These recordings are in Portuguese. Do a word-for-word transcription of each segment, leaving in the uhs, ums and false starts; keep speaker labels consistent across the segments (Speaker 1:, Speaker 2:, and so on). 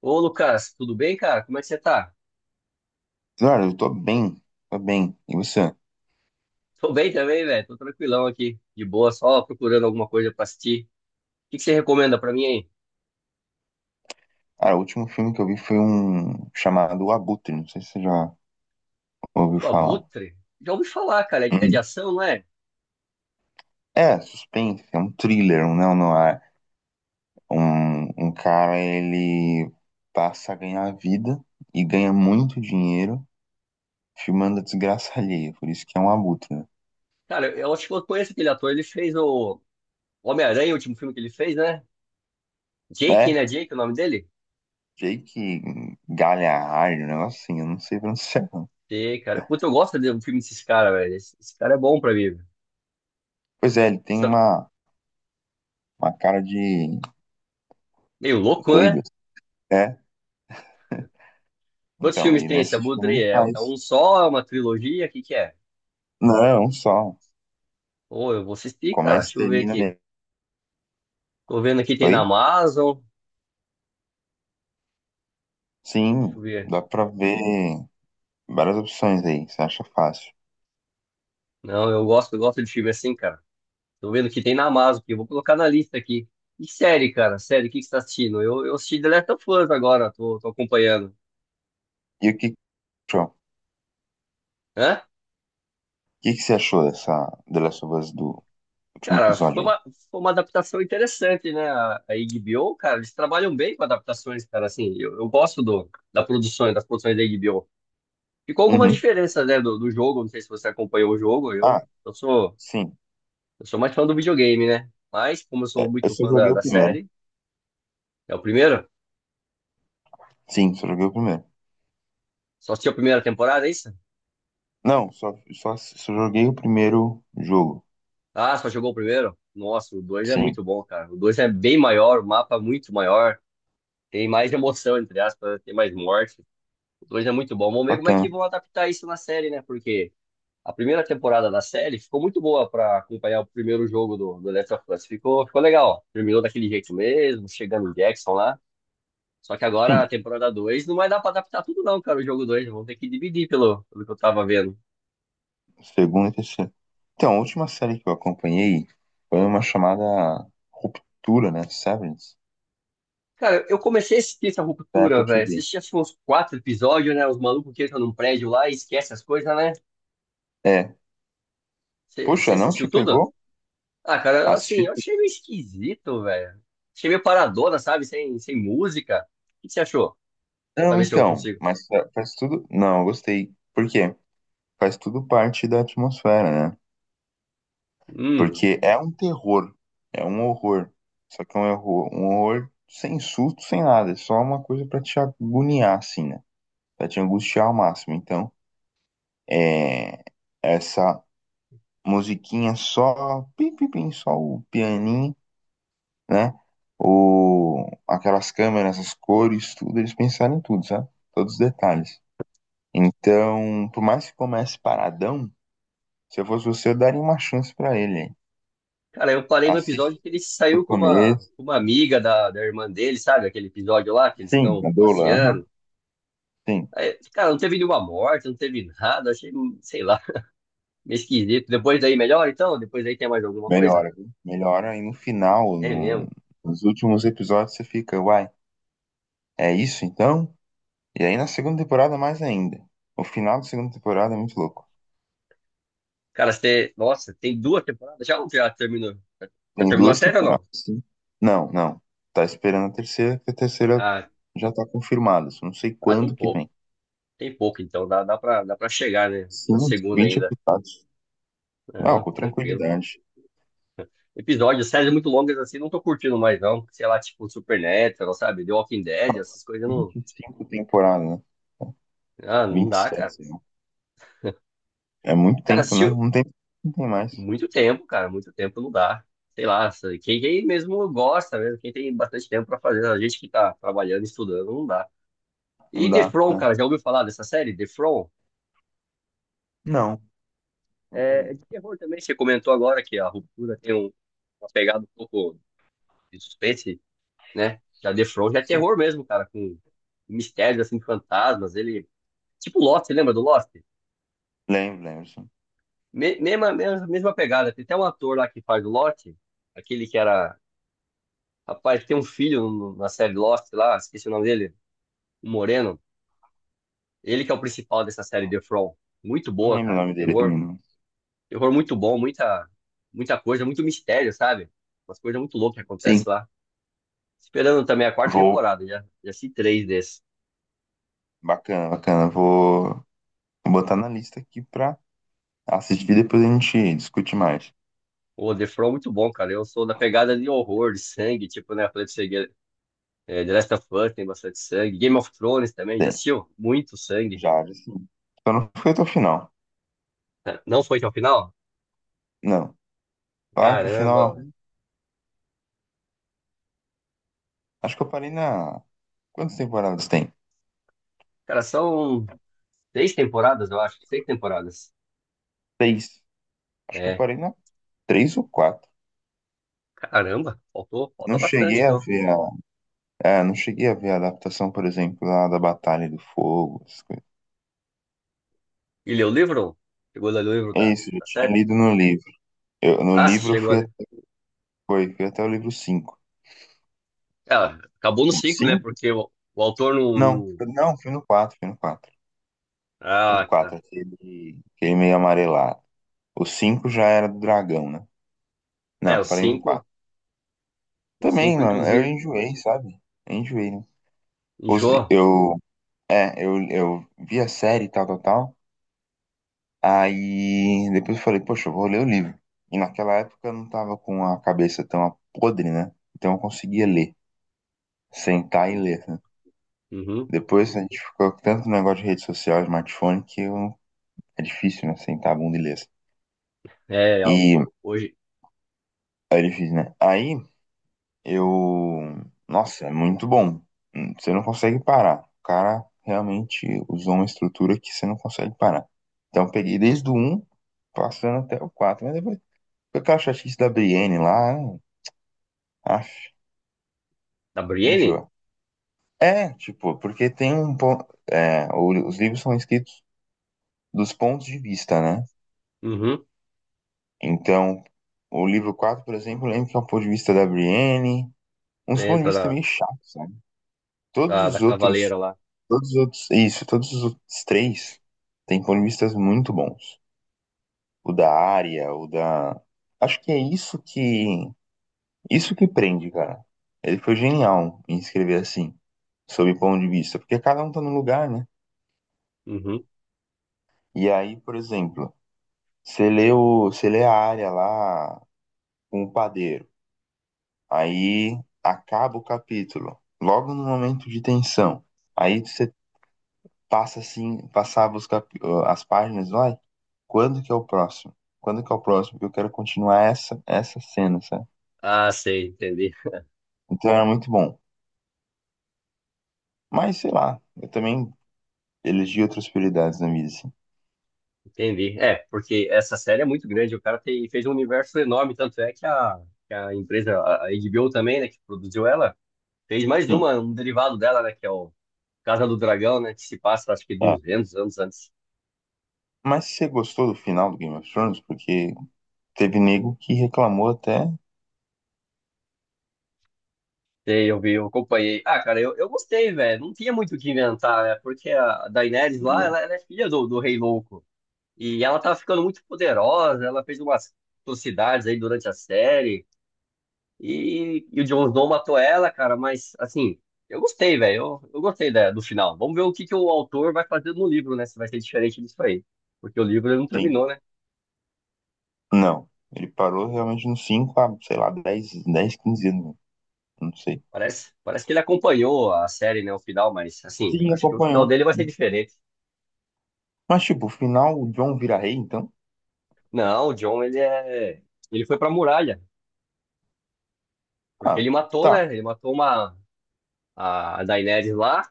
Speaker 1: Ô, Lucas, tudo bem, cara? Como é que você tá?
Speaker 2: Cara, eu tô bem, tô bem. E você?
Speaker 1: Tô bem também, velho. Tô tranquilão aqui, de boa, só procurando alguma coisa pra assistir. O que que você recomenda pra mim aí?
Speaker 2: Cara, o último filme que eu vi foi um chamado O Abutre, não sei se você já ouviu
Speaker 1: O
Speaker 2: falar.
Speaker 1: Abutre? Já ouvi falar, cara. É é de
Speaker 2: Uhum.
Speaker 1: ação, não é?
Speaker 2: É, suspense, é um thriller, um neo-noir. Um, um cara, ele passa a ganhar vida e ganha muito dinheiro filmando a desgraça alheia, por isso que é um abutre, né?
Speaker 1: Cara, eu acho que eu conheço aquele ator. Ele fez o o Homem-Aranha, o último filme que ele fez, né? Jake,
Speaker 2: É,
Speaker 1: né? Jake, é o nome dele?
Speaker 2: Jake Gyllenhaal, um negócio assim, eu não sei pronunciar. Não.
Speaker 1: Sei, cara. Puta, eu gosto de um filme desses caras, velho. Esse, esse cara é bom pra mim. Velho.
Speaker 2: Pois é, ele tem
Speaker 1: Só-
Speaker 2: uma, uma cara de
Speaker 1: Meio louco,
Speaker 2: doido
Speaker 1: né?
Speaker 2: assim. É,
Speaker 1: Quantos
Speaker 2: então,
Speaker 1: filmes
Speaker 2: e
Speaker 1: tem esse
Speaker 2: nesse
Speaker 1: Abutre
Speaker 2: filme
Speaker 1: aí?
Speaker 2: ele
Speaker 1: É, é
Speaker 2: faz.
Speaker 1: um só? É uma trilogia? O que que é?
Speaker 2: Não, só.
Speaker 1: Ô, eu vou assistir, cara.
Speaker 2: Começa e
Speaker 1: Deixa eu ver
Speaker 2: termina
Speaker 1: aqui.
Speaker 2: nele.
Speaker 1: Tô vendo aqui tem na
Speaker 2: Oi?
Speaker 1: Amazon. Deixa
Speaker 2: Sim,
Speaker 1: eu ver.
Speaker 2: dá pra ver várias opções aí, você acha fácil.
Speaker 1: Não, eu gosto, eu gosto de filme assim, cara. Tô vendo que tem na Amazon, que eu vou colocar na lista aqui. E série, cara? Série, o que que você tá assistindo? Eu, eu assisti The Last of Us agora, tô, tô acompanhando.
Speaker 2: E o que que você achou? O
Speaker 1: Hã?
Speaker 2: que que você achou dessa The Last of Us do último
Speaker 1: Cara,
Speaker 2: episódio
Speaker 1: foi
Speaker 2: aí?
Speaker 1: uma, foi uma adaptação interessante, né? A, a HBO, cara, eles trabalham bem com adaptações, cara, assim. Eu, eu gosto do, da produção, das produções da HBO. Ficou alguma
Speaker 2: Uhum.
Speaker 1: diferença, né, do, do jogo? Não sei se você acompanhou o jogo. Eu,
Speaker 2: Ah,
Speaker 1: eu sou,
Speaker 2: sim.
Speaker 1: eu sou mais fã do videogame, né? Mas, como eu
Speaker 2: É,
Speaker 1: sou
Speaker 2: eu
Speaker 1: muito
Speaker 2: só
Speaker 1: fã da,
Speaker 2: joguei o
Speaker 1: da
Speaker 2: primeiro.
Speaker 1: série. É o primeiro?
Speaker 2: Sim, só joguei o primeiro.
Speaker 1: Só assistiu a primeira temporada, é isso?
Speaker 2: Não, só, só, só joguei o primeiro jogo.
Speaker 1: Ah, só jogou o primeiro? Nossa, o dois é
Speaker 2: Sim,
Speaker 1: muito bom, cara. O dois é bem maior, o mapa é muito maior. Tem mais emoção, entre aspas, tem mais morte. O dois é muito bom. Vamos ver como é que
Speaker 2: bacana.
Speaker 1: vão adaptar isso na série, né? Porque a primeira temporada da série ficou muito boa pra acompanhar o primeiro jogo do, do Last of Us. Ficou, ficou legal. Terminou daquele jeito mesmo, chegando o Jackson lá. Só que agora a
Speaker 2: Sim,
Speaker 1: temporada dois não vai dar pra adaptar tudo, não, cara. O jogo dois vão ter que dividir pelo, pelo que eu tava vendo.
Speaker 2: segundo e terceiro. Então, a última série que eu acompanhei foi uma chamada Ruptura, né? Severance,
Speaker 1: Cara, eu comecei a assistir essa
Speaker 2: da
Speaker 1: ruptura,
Speaker 2: Apple
Speaker 1: velho.
Speaker 2: T V.
Speaker 1: Assisti acho que uns quatro episódios, né? Os malucos que entram num prédio lá e esquecem as coisas, né? Você
Speaker 2: Puxa, não te
Speaker 1: assistiu tudo?
Speaker 2: pegou?
Speaker 1: Ah, cara, assim, eu
Speaker 2: Assisti.
Speaker 1: achei meio esquisito, velho. Achei meio paradona, sabe? Sem, sem música. O que você achou? Pra
Speaker 2: Não,
Speaker 1: ver se eu
Speaker 2: então,
Speaker 1: consigo.
Speaker 2: mas fa- faz tudo. Não, eu gostei. Por quê? Faz tudo parte da atmosfera, né?
Speaker 1: Hum.
Speaker 2: Porque é um terror, é um horror. Só que é um horror, um horror sem susto, sem nada. É só uma coisa pra te agoniar, assim, né? Pra te angustiar ao máximo. Então, é. Essa musiquinha só. Pim, pim, pim, só o pianinho, né? O... Aquelas câmeras, as cores, tudo. Eles pensaram em tudo, sabe? Todos os detalhes. Então, por mais que comece paradão, se eu fosse você, eu daria uma chance pra ele, hein?
Speaker 1: Cara, eu parei no episódio
Speaker 2: Assiste
Speaker 1: que ele
Speaker 2: o
Speaker 1: saiu com uma,
Speaker 2: começo.
Speaker 1: com uma amiga da, da irmã dele, sabe? Aquele episódio lá que eles
Speaker 2: Sim,
Speaker 1: estão
Speaker 2: a Dola, aham.
Speaker 1: passeando.
Speaker 2: Sim,
Speaker 1: Aí, cara, não teve nenhuma morte, não teve nada. Achei, sei lá, meio esquisito. Depois daí melhor, então? Depois daí tem mais alguma coisa?
Speaker 2: melhora, viu? Melhora. E no final,
Speaker 1: É
Speaker 2: no-
Speaker 1: mesmo.
Speaker 2: nos últimos episódios, você fica, uai, é isso então? E aí na segunda temporada, mais ainda. O final da segunda temporada é muito louco.
Speaker 1: Cara, você. Nossa, tem duas temporadas já ou já terminou? Já
Speaker 2: Tem
Speaker 1: terminou a
Speaker 2: duas
Speaker 1: série ou não?
Speaker 2: temporadas, sim. Não, não. Tá esperando a terceira, que a terceira
Speaker 1: Ah,
Speaker 2: já tá confirmada. Só não sei
Speaker 1: ah, tem
Speaker 2: quando que
Speaker 1: pouco.
Speaker 2: vem.
Speaker 1: Tem pouco, então dá, dá pra, dá pra chegar, né? Na
Speaker 2: Sim,
Speaker 1: segunda
Speaker 2: vinte
Speaker 1: ainda.
Speaker 2: episódios. Não,
Speaker 1: Não,
Speaker 2: com
Speaker 1: tranquilo.
Speaker 2: tranquilidade.
Speaker 1: Episódios, séries muito longas assim, não tô curtindo mais, não. Sei lá, tipo Supernatural, sabe? The Walking Dead, essas coisas não.
Speaker 2: Vinte e cinco temporadas, né?
Speaker 1: Ah, não dá,
Speaker 2: vinte e sete,
Speaker 1: cara.
Speaker 2: sei lá. É muito
Speaker 1: Cara,
Speaker 2: tempo, né?
Speaker 1: assistiu
Speaker 2: Não tem, não tem mais.
Speaker 1: muito tempo, cara. Muito tempo não dá. Sei lá, sabe? Quem, quem mesmo gosta, mesmo, quem tem bastante tempo pra fazer, a gente que tá trabalhando, estudando, não dá. E
Speaker 2: Não
Speaker 1: The
Speaker 2: dá,
Speaker 1: From,
Speaker 2: né?
Speaker 1: cara, já ouviu falar dessa série? The From?
Speaker 2: Não, nunca
Speaker 1: É, é
Speaker 2: vi.
Speaker 1: de terror também, você comentou agora que a ruptura tem um, uma pegada um pouco de suspense, né? Já The Flow já é
Speaker 2: Sim,
Speaker 1: terror mesmo, cara, com mistérios, assim, fantasmas, ele... Tipo Lost, você lembra do Lost?
Speaker 2: lembro, lembro, sim.
Speaker 1: Me- mesma, mesma, mesma pegada, tem até um ator lá que faz o Lost, aquele que era... Rapaz, que tem um filho no- na série Lost lá, esqueci o nome dele, o Moreno, ele que é o principal dessa
Speaker 2: Eu
Speaker 1: série The Flow. Muito
Speaker 2: não
Speaker 1: boa,
Speaker 2: lembro o
Speaker 1: cara,
Speaker 2: nome dele
Speaker 1: terror,
Speaker 2: também, não.
Speaker 1: terror muito bom, muita, muita coisa, muito mistério, sabe? Umas coisas muito loucas que
Speaker 2: Sim,
Speaker 1: acontecem lá. Esperando também a quarta
Speaker 2: vou.
Speaker 1: temporada, já, já assisti três desses.
Speaker 2: Bacana, bacana. Vou vou botar na lista aqui pra assistir, depois a gente discute mais.
Speaker 1: O The From é muito bom, cara. Eu sou da pegada de horror, de sangue, tipo, né? Falei pra você, que, é, The Last of Us tem bastante sangue. Game of Thrones também, já
Speaker 2: Tem,
Speaker 1: assistiu? Muito sangue.
Speaker 2: já, já sim. Só não foi até o final.
Speaker 1: Não foi até o final?
Speaker 2: Não. Claro que o
Speaker 1: Caramba,
Speaker 2: final
Speaker 1: velho.
Speaker 2: é. Acho que eu parei na. Quantas temporadas tem?
Speaker 1: Cara, são seis temporadas, eu acho. Seis temporadas.
Speaker 2: Três. Acho que eu
Speaker 1: É,
Speaker 2: parei na três ou quatro.
Speaker 1: caramba, faltou,
Speaker 2: Não
Speaker 1: falta bastante,
Speaker 2: cheguei a
Speaker 1: então.
Speaker 2: ver. É, não cheguei a ver a adaptação, por exemplo, lá da Batalha do Fogo, essas coisas.
Speaker 1: E leu o livro? Chegou a ler o livro da,
Speaker 2: É isso, eu
Speaker 1: da
Speaker 2: tinha
Speaker 1: série?
Speaker 2: lido no livro. Eu, no
Speaker 1: Ah, se
Speaker 2: livro eu
Speaker 1: chegou,
Speaker 2: fui, a-
Speaker 1: né?
Speaker 2: foi, fui até o livro cinco
Speaker 1: Ah, acabou no cinco, né?
Speaker 2: cinco
Speaker 1: Porque o, o autor não,
Speaker 2: Não,
Speaker 1: não-
Speaker 2: não, fui no quatro fui no quatro O
Speaker 1: Ah,
Speaker 2: quatro
Speaker 1: tá.
Speaker 2: aquele, aquele meio amarelado. O cinco já era do dragão, né?
Speaker 1: É,
Speaker 2: Não,
Speaker 1: o
Speaker 2: falei no quatro.
Speaker 1: cinco. O
Speaker 2: Também,
Speaker 1: cinco
Speaker 2: mano, eu
Speaker 1: inclusive,
Speaker 2: enjoei, sabe? Eu enjoei, né? Os,
Speaker 1: enjoa.
Speaker 2: eu, é, eu, eu vi a série e tal, tal, tal. Aí depois eu falei, poxa, eu vou ler o livro. E naquela época eu não tava com a cabeça tão podre, né? Então eu conseguia ler, sentar e ler, né?
Speaker 1: Uhum.
Speaker 2: Depois a gente ficou com tanto negócio de rede social, smartphone, que eu... é difícil, né? Sentar a bunda e ler assim.
Speaker 1: É, ó,
Speaker 2: E
Speaker 1: hoje,
Speaker 2: é difícil, né? Aí eu. Nossa, é muito bom. Hum, Você não consegue parar. O cara realmente usou uma estrutura que você não consegue parar. Então eu peguei desde o um, passando até o quatro, mas depois. Foi aquela chatice da Brienne lá, né? Aff,
Speaker 1: da Brienne?
Speaker 2: enjoa. É, tipo, porque tem um ponto. É, os livros são escritos dos pontos de vista, né?
Speaker 1: Uhum.
Speaker 2: Então, o livro quatro, por exemplo, lembro que é o ponto de vista da Brienne. Uns pontos de
Speaker 1: Entra
Speaker 2: vista
Speaker 1: da,
Speaker 2: meio chatos, sabe? Todos
Speaker 1: da, da
Speaker 2: os outros.
Speaker 1: Cavaleira lá.
Speaker 2: Todos os outros. Isso, todos os outros três têm pontos de vistas muito bons. O da Arya, o da. Acho que é isso que. Isso que prende, cara. Ele foi genial em escrever assim, sob ponto de vista. Porque cada um tá num lugar, né?
Speaker 1: Uhum.
Speaker 2: E aí, por exemplo. Você lê o, você lê a área lá com o padeiro. Aí acaba o capítulo. Logo no momento de tensão. Aí você passa assim, passava os cap, as páginas, vai. Quando que é o próximo? Quando que é o próximo? Porque eu quero continuar essa essa cena, sabe?
Speaker 1: Ah, sei, entendi.
Speaker 2: Então era muito bom. Mas sei lá, eu também elegi outras prioridades na vida, assim.
Speaker 1: Entendi. É, porque essa série é muito grande, o cara tem, fez um universo enorme, tanto é que a, que a empresa, a a HBO também, né, que produziu ela, fez mais
Speaker 2: Sim.
Speaker 1: uma, um derivado dela, né, que é o Casa do Dragão, né, que se passa, acho que
Speaker 2: É.
Speaker 1: duzentos anos antes.
Speaker 2: Mas você gostou do final do Game of Thrones? Porque teve nego que reclamou até.
Speaker 1: Sei, eu vi, eu acompanhei. Ah, cara, eu, eu gostei, velho. Não tinha muito o que inventar, né? Porque a Daenerys lá, ela, ela é filha do, do Rei Louco. E ela tava ficando muito poderosa, ela fez umas atrocidades aí durante a série. E, e o Jon Snow matou ela, cara, mas assim, eu gostei, velho. Eu, eu gostei da- do final. Vamos ver o que, que o autor vai fazer no livro, né? Se vai ser diferente disso aí. Porque o livro ele não
Speaker 2: Sim.
Speaker 1: terminou, né?
Speaker 2: Não, ele parou realmente nos cinco a, sei lá, dez, dez, quinze anos, não sei.
Speaker 1: Parece, parece que ele acompanhou a série, né? O final, mas assim,
Speaker 2: Sim,
Speaker 1: acho que o final
Speaker 2: acompanhou.
Speaker 1: dele vai ser diferente.
Speaker 2: Mas, tipo, o final, o John vira rei, então?
Speaker 1: Não, o John, ele é. Ele foi pra muralha. Porque
Speaker 2: Ah,
Speaker 1: ele matou,
Speaker 2: tá.
Speaker 1: né? Ele matou uma. A Daenerys lá.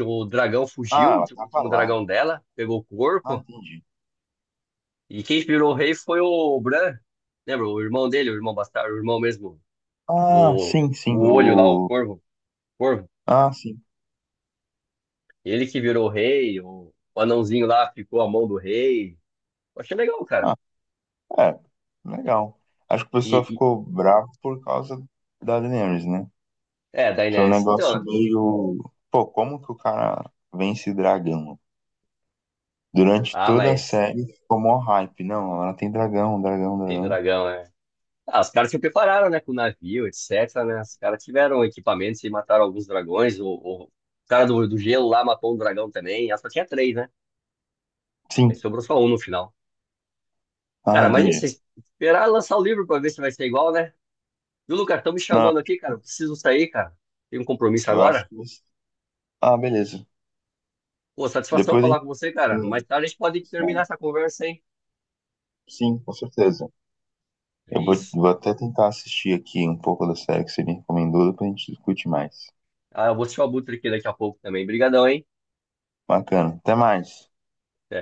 Speaker 1: O dragão
Speaker 2: Ah,
Speaker 1: fugiu,
Speaker 2: ela
Speaker 1: o
Speaker 2: tava
Speaker 1: último
Speaker 2: lá.
Speaker 1: dragão dela. Pegou o
Speaker 2: Ah,
Speaker 1: corpo.
Speaker 2: entendi.
Speaker 1: E quem inspirou o rei foi o Bran. Lembra? O irmão dele, o irmão bastardo, o irmão mesmo.
Speaker 2: Ah,
Speaker 1: O,
Speaker 2: sim, sim,
Speaker 1: o olho lá, o
Speaker 2: o...
Speaker 1: corvo. Corvo.
Speaker 2: Ah, sim.
Speaker 1: Ele que virou o rei. O, o anãozinho lá ficou a mão do rei. Eu achei legal, cara.
Speaker 2: Ah, é, legal. Acho que o
Speaker 1: E,
Speaker 2: pessoal
Speaker 1: e-
Speaker 2: ficou bravo por causa da Daenerys, né?
Speaker 1: é,
Speaker 2: Foi um
Speaker 1: Daenerys.
Speaker 2: negócio
Speaker 1: Então,
Speaker 2: meio... Pô, como que o cara vence dragão? Durante
Speaker 1: ah,
Speaker 2: toda a
Speaker 1: mas
Speaker 2: série ficou mó hype. Não, ela tem dragão, dragão,
Speaker 1: tem
Speaker 2: dragão.
Speaker 1: dragão, né? Ah, os caras se prepararam, né, com navio, etc, né? Os caras tiveram equipamentos e mataram alguns dragões. O, o cara do, do gelo lá matou um dragão também. Ela só tinha três, né? Aí
Speaker 2: Sim,
Speaker 1: sobrou só um no final.
Speaker 2: ah,
Speaker 1: Cara, mas
Speaker 2: entendi.
Speaker 1: isso, esperar lançar o livro pra ver se vai ser igual, né? Viu, Lucas? Estão me
Speaker 2: Não,
Speaker 1: chamando aqui, cara. Eu preciso sair, cara. Tem um compromisso
Speaker 2: eu acho
Speaker 1: agora.
Speaker 2: que você... Ah, beleza.
Speaker 1: Pô, satisfação
Speaker 2: Depois a
Speaker 1: falar
Speaker 2: gente...
Speaker 1: com você, cara. Mais tarde a gente pode terminar essa conversa, hein?
Speaker 2: Sim, com certeza.
Speaker 1: É
Speaker 2: Eu vou,
Speaker 1: isso.
Speaker 2: vou até tentar assistir aqui um pouco da série que você me recomendou, depois a gente discute mais.
Speaker 1: Ah, eu vou assistir o Abutre aqui daqui a pouco também. Obrigadão, hein?
Speaker 2: Bacana. Até mais.
Speaker 1: Até.